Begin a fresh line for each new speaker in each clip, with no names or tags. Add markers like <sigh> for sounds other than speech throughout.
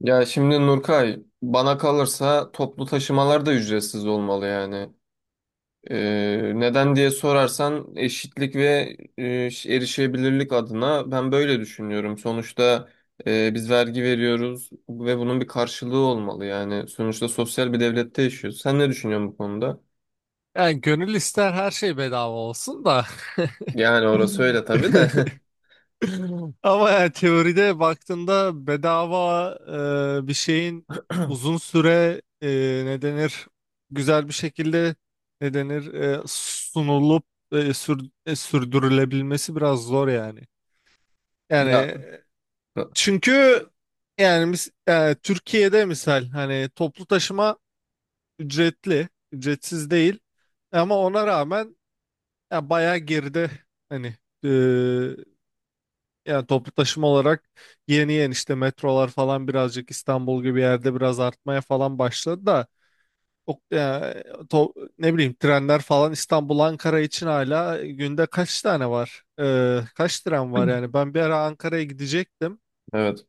Ya şimdi Nurkay, bana kalırsa toplu taşımalar da ücretsiz olmalı yani. Neden diye sorarsan eşitlik ve erişebilirlik adına ben böyle düşünüyorum. Sonuçta biz vergi veriyoruz ve bunun bir karşılığı olmalı yani. Sonuçta sosyal bir devlette yaşıyoruz. Sen ne düşünüyorsun bu konuda?
Yani gönül ister her şey bedava olsun da.
Yani orası öyle tabii de. <laughs>
<laughs> Ama yani teoride baktığında bedava bir şeyin uzun süre ne denir, güzel bir şekilde, ne denir, sunulup sürdürülebilmesi biraz zor yani.
Ya
Yani çünkü yani mis- Türkiye'de misal hani toplu taşıma ücretli, ücretsiz değil, ama ona rağmen ya bayağı geride, hani, e, yani toplu taşıma olarak yeni yeni işte metrolar falan birazcık İstanbul gibi yerde biraz artmaya falan başladı da, o, ya, ne bileyim trenler falan, İstanbul Ankara için hala günde kaç tane var? Kaç tren var yani? Ben bir ara Ankara'ya gidecektim.
evet.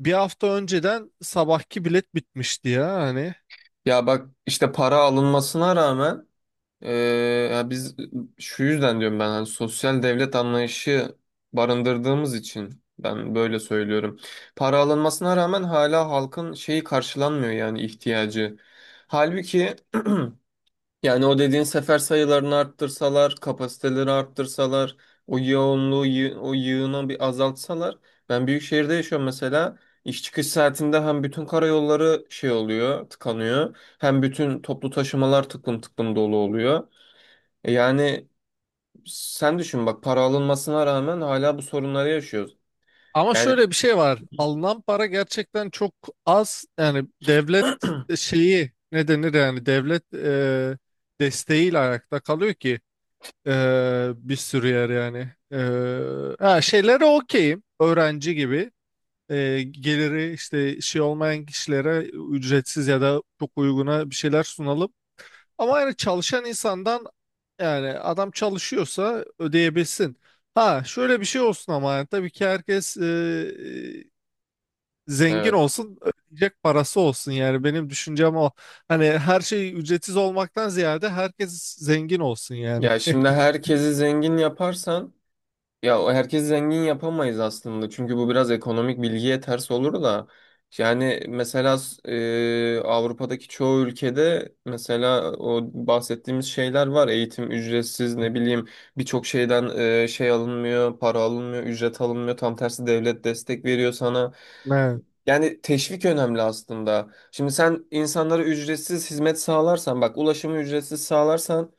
Bir hafta önceden sabahki bilet bitmişti ya hani.
Ya bak işte para alınmasına rağmen. Ee, ya biz şu yüzden diyorum ben hani sosyal devlet anlayışı barındırdığımız için ben böyle söylüyorum. Para alınmasına rağmen hala halkın şeyi karşılanmıyor yani ihtiyacı. Halbuki <clears throat> yani o dediğin sefer sayılarını arttırsalar, kapasiteleri arttırsalar, o yoğunluğu, o yığını bir azaltsalar. Ben büyük şehirde yaşıyorum mesela. İş çıkış saatinde hem bütün karayolları şey oluyor, tıkanıyor. Hem bütün toplu taşımalar tıklım tıklım dolu oluyor. Yani sen düşün bak para alınmasına rağmen hala bu sorunları yaşıyoruz.
Ama
Yani
şöyle bir şey var. Alınan para gerçekten çok az. Yani devlet şeyi, ne denir, yani devlet desteğiyle ayakta kalıyor ki, e, bir sürü yer yani. Şeylere okeyim. Öğrenci gibi. Geliri işte şey olmayan kişilere ücretsiz ya da çok uyguna bir şeyler sunalım. Ama yani çalışan insandan, yani adam çalışıyorsa ödeyebilsin. Ha şöyle bir şey olsun, ama yani tabii ki herkes zengin
evet.
olsun, ödeyecek parası olsun, yani benim düşüncem o. Hani her şey ücretsiz olmaktan ziyade herkes zengin olsun yani.
Ya şimdi herkesi zengin yaparsan ya o herkesi zengin yapamayız aslında. Çünkü bu biraz ekonomik bilgiye ters olur da. Yani mesela Avrupa'daki çoğu ülkede mesela o bahsettiğimiz şeyler var. Eğitim ücretsiz, ne bileyim birçok şeyden alınmıyor, para alınmıyor, ücret alınmıyor. Tam tersi devlet destek veriyor sana.
Evet.
Yani teşvik önemli aslında. Şimdi sen insanlara ücretsiz hizmet sağlarsan, bak ulaşımı ücretsiz sağlarsan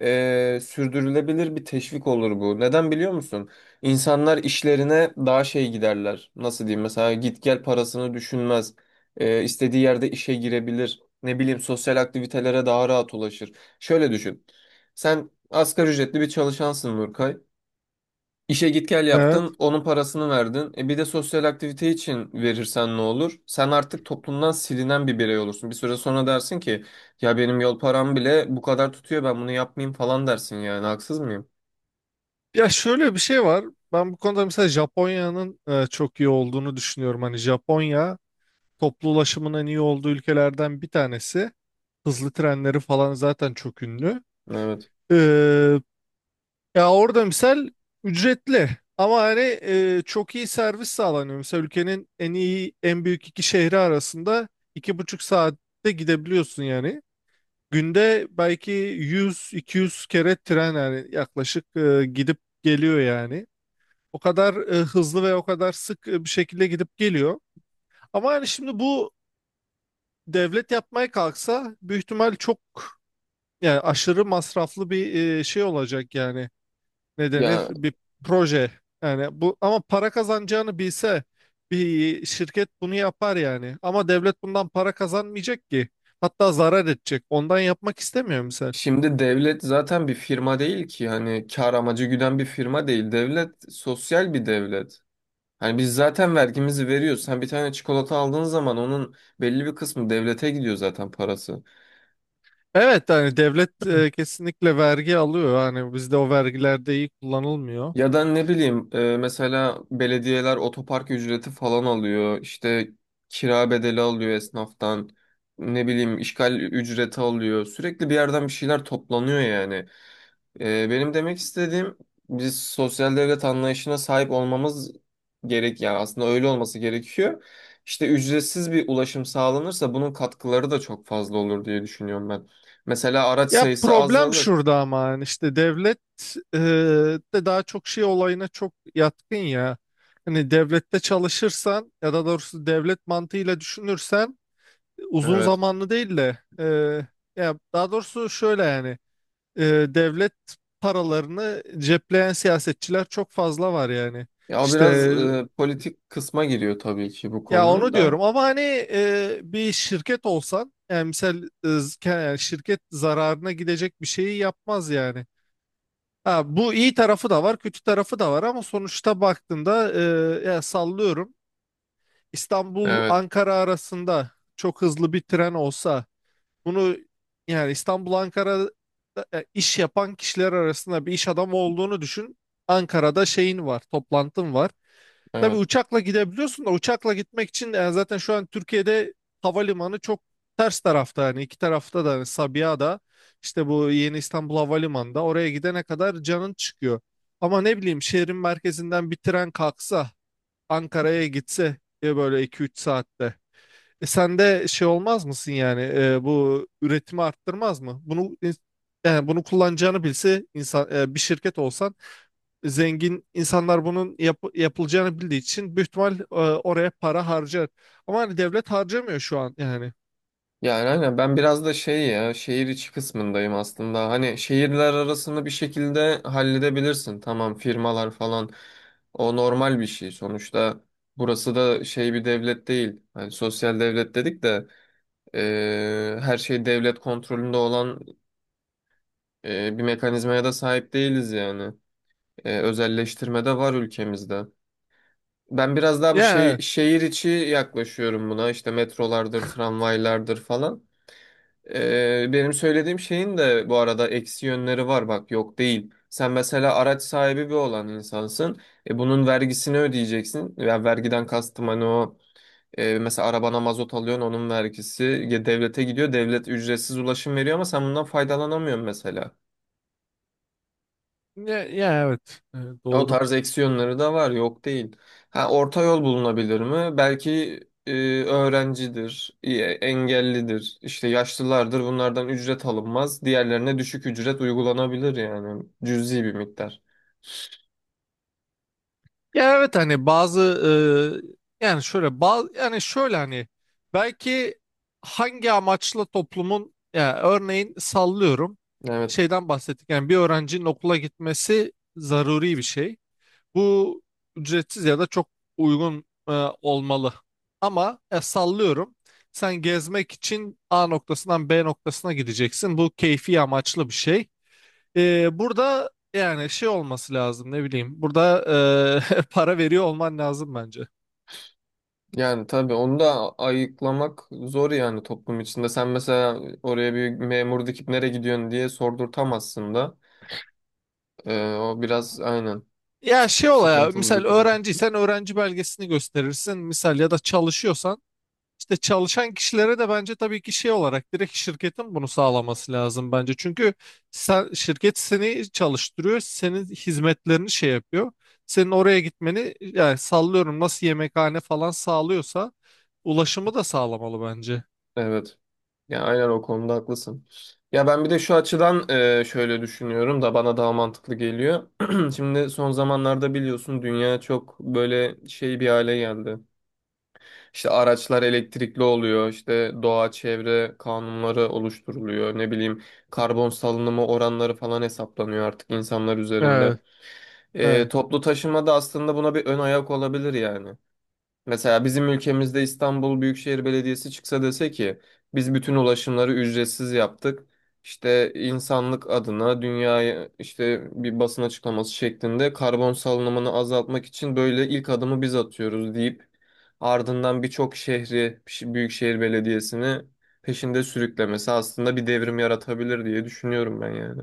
sürdürülebilir bir teşvik olur bu. Neden biliyor musun? İnsanlar işlerine daha şey giderler. Nasıl diyeyim? Mesela git gel parasını düşünmez. İstediği yerde işe girebilir. Ne bileyim sosyal aktivitelere daha rahat ulaşır. Şöyle düşün. Sen asgari ücretli bir çalışansın Nurkay. İşe git gel
Evet.
yaptın, onun parasını verdin. E bir de sosyal aktivite için verirsen ne olur? Sen artık toplumdan silinen bir birey olursun. Bir süre sonra dersin ki ya benim yol param bile bu kadar tutuyor, ben bunu yapmayayım falan dersin yani. Haksız mıyım?
Ya şöyle bir şey var. Ben bu konuda mesela Japonya'nın çok iyi olduğunu düşünüyorum. Hani Japonya toplu ulaşımın en iyi olduğu ülkelerden bir tanesi. Hızlı trenleri falan zaten çok ünlü.
Evet.
Ee, Ya orada misal ücretli, ama hani çok iyi servis sağlanıyor. Mesela ülkenin en iyi, en büyük iki şehri arasında iki buçuk saatte gidebiliyorsun yani. Günde belki 100-200 kere tren, yani yaklaşık, gidip geliyor yani. O kadar hızlı ve o kadar sık bir şekilde gidip geliyor. Ama yani şimdi bu devlet yapmaya kalksa, büyük ihtimal çok, yani aşırı masraflı bir şey olacak yani. Ne denir,
Ya
bir proje yani bu. Ama para kazanacağını bilse bir şirket bunu yapar yani, ama devlet bundan para kazanmayacak ki, hatta zarar edecek, ondan yapmak istemiyor misal.
şimdi devlet zaten bir firma değil ki, hani kar amacı güden bir firma değil. Devlet sosyal bir devlet. Hani biz zaten vergimizi veriyoruz. Sen bir tane çikolata aldığın zaman onun belli bir kısmı devlete gidiyor zaten parası.
Evet, yani devlet
<clears throat>
kesinlikle vergi alıyor, yani bizde o vergiler de iyi kullanılmıyor.
Ya da ne bileyim, mesela belediyeler otopark ücreti falan alıyor. İşte kira bedeli alıyor esnaftan. Ne bileyim işgal ücreti alıyor. Sürekli bir yerden bir şeyler toplanıyor yani. Benim demek istediğim, biz sosyal devlet anlayışına sahip olmamız gerek yani, aslında öyle olması gerekiyor. İşte ücretsiz bir ulaşım sağlanırsa bunun katkıları da çok fazla olur diye düşünüyorum ben. Mesela araç
Ya
sayısı
problem
azalır.
şurada, ama yani işte devlet e, de daha çok şey olayına çok yatkın ya. Hani devlette çalışırsan ya da doğrusu devlet mantığıyla düşünürsen, uzun
Evet.
zamanlı değil de, ya daha doğrusu şöyle yani, e, devlet paralarını cepleyen siyasetçiler çok fazla var yani.
Ya o
İşte,
biraz politik kısma giriyor tabii ki bu
ya
konunun
onu
da.
diyorum, ama hani bir şirket olsan, yani misal, yani şirket zararına gidecek bir şeyi yapmaz yani. Ha, bu iyi tarafı da var, kötü tarafı da var, ama sonuçta baktığında, ya sallıyorum, İstanbul
Evet,
Ankara arasında çok hızlı bir tren olsa. Bunu, yani İstanbul Ankara'da iş yapan kişiler arasında bir iş adamı olduğunu düşün. Ankara'da şeyin var, toplantın var. Tabii
evet.
uçakla gidebiliyorsun da, uçakla gitmek için yani zaten şu an Türkiye'de havalimanı çok ters tarafta, yani iki tarafta da hani Sabiha'da, işte bu Yeni İstanbul Havalimanı'nda, oraya gidene kadar canın çıkıyor. Ama ne bileyim, şehrin merkezinden bir tren kalksa Ankara'ya gitse diye, böyle iki üç saatte. E sen de şey olmaz mısın yani, bu üretimi arttırmaz mı? Yani bunu kullanacağını bilse insan, bir şirket olsan, zengin insanlar bunun yapılacağını bildiği için büyük ihtimal oraya para harcar. Ama hani devlet harcamıyor şu an yani.
Yani aynen, ben biraz da şey, ya şehir içi kısmındayım aslında. Hani şehirler arasını bir şekilde halledebilirsin. Tamam, firmalar falan o normal bir şey. Sonuçta burası da şey bir devlet değil. Hani sosyal devlet dedik de her şey devlet kontrolünde olan bir mekanizmaya da sahip değiliz yani. Özelleştirme de var ülkemizde. Ben biraz daha bu
Ya
şey,
evet.
şehir içi yaklaşıyorum buna. İşte metrolardır, tramvaylardır falan. Benim söylediğim şeyin de bu arada eksi yönleri var bak, yok değil. Sen mesela araç sahibi bir olan insansın. Bunun vergisini ödeyeceksin. Yani vergiden kastım hani o, mesela arabana mazot alıyorsun onun vergisi ya devlete gidiyor. Devlet ücretsiz ulaşım veriyor ama sen bundan faydalanamıyorsun mesela.
Ya, ya evet.
O
Doğru.
tarz eksiyonları da var, yok değil. Ha, orta yol bulunabilir mi? Belki e, öğrencidir, engellidir, işte yaşlılardır. Bunlardan ücret alınmaz. Diğerlerine düşük ücret uygulanabilir yani. Cüzi bir miktar.
Ya evet, hani bazı, yani şöyle bazı, yani şöyle hani belki, hangi amaçla toplumun, ya örneğin sallıyorum,
Evet.
şeyden bahsettik, yani bir öğrencinin okula gitmesi zaruri bir şey. Bu ücretsiz ya da çok uygun olmalı. Ama, sallıyorum, sen gezmek için A noktasından B noktasına gideceksin. Bu keyfi amaçlı bir şey. Burada yani şey olması lazım, ne bileyim. Burada <laughs> para veriyor olman lazım bence.
Yani tabii onu da ayıklamak zor yani toplum içinde. Sen mesela oraya bir memur dikip nereye gidiyorsun diye sordurtamazsın da. O biraz aynen.
Ya şey ola, ya
Sıkıntılı bir
misal
konu.
öğrenciysen öğrenci belgesini gösterirsin. Misal ya da çalışıyorsan, işte çalışan kişilere de bence tabii ki şey olarak direkt şirketin bunu sağlaması lazım bence. Çünkü sen, şirket seni çalıştırıyor, senin hizmetlerini şey yapıyor. Senin oraya gitmeni, yani sallıyorum, nasıl yemekhane falan sağlıyorsa ulaşımı da sağlamalı bence.
Evet. Ya aynen, o konuda haklısın. Ya ben bir de şu açıdan şöyle düşünüyorum da bana daha mantıklı geliyor. <clears throat> Şimdi son zamanlarda biliyorsun dünya çok böyle şey bir hale geldi. İşte araçlar elektrikli oluyor, işte doğa çevre kanunları oluşturuluyor. Ne bileyim karbon salınımı oranları falan hesaplanıyor artık insanlar üzerinde.
Evet, evet.
Toplu taşıma da aslında buna bir ön ayak olabilir yani. Mesela bizim ülkemizde İstanbul Büyükşehir Belediyesi çıksa dese ki biz bütün ulaşımları ücretsiz yaptık. İşte insanlık adına dünyaya işte bir basın açıklaması şeklinde karbon salınımını azaltmak için böyle ilk adımı biz atıyoruz deyip ardından birçok şehri Büyükşehir Belediyesi'ni peşinde sürüklemesi aslında bir devrim yaratabilir diye düşünüyorum ben yani.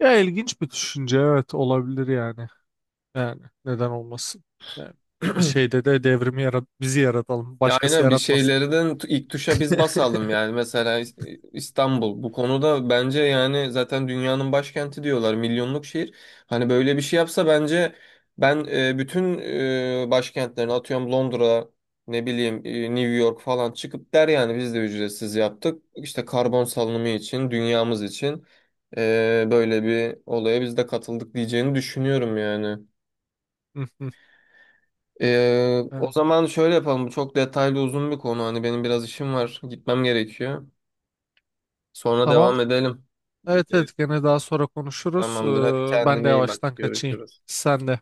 Ya ilginç bir düşünce, evet, olabilir yani. Yani neden olmasın? Yani bir şeyde de devrimi yarat, bizi yaratalım.
Ya
Başkası
aynen, bir
yaratmasın.
şeylerden ilk tuşa biz
<laughs>
basalım yani. Mesela İstanbul bu konuda, bence yani zaten dünyanın başkenti diyorlar, milyonluk şehir, hani böyle bir şey yapsa bence ben, bütün başkentlerini atıyorum Londra, ne bileyim, New York falan çıkıp der yani biz de ücretsiz yaptık işte karbon salınımı için, dünyamız için, böyle bir olaya biz de katıldık diyeceğini düşünüyorum yani.
Hı hı. Evet.
O zaman şöyle yapalım. Bu çok detaylı uzun bir konu. Hani benim biraz işim var. Gitmem gerekiyor. Sonra
Tamam.
devam edelim.
Evet,
Ee,
evet, gene daha sonra konuşuruz.
Tamamdır. Hadi
Ben de
kendine iyi bak.
yavaştan kaçayım.
Görüşürüz.
Sen de.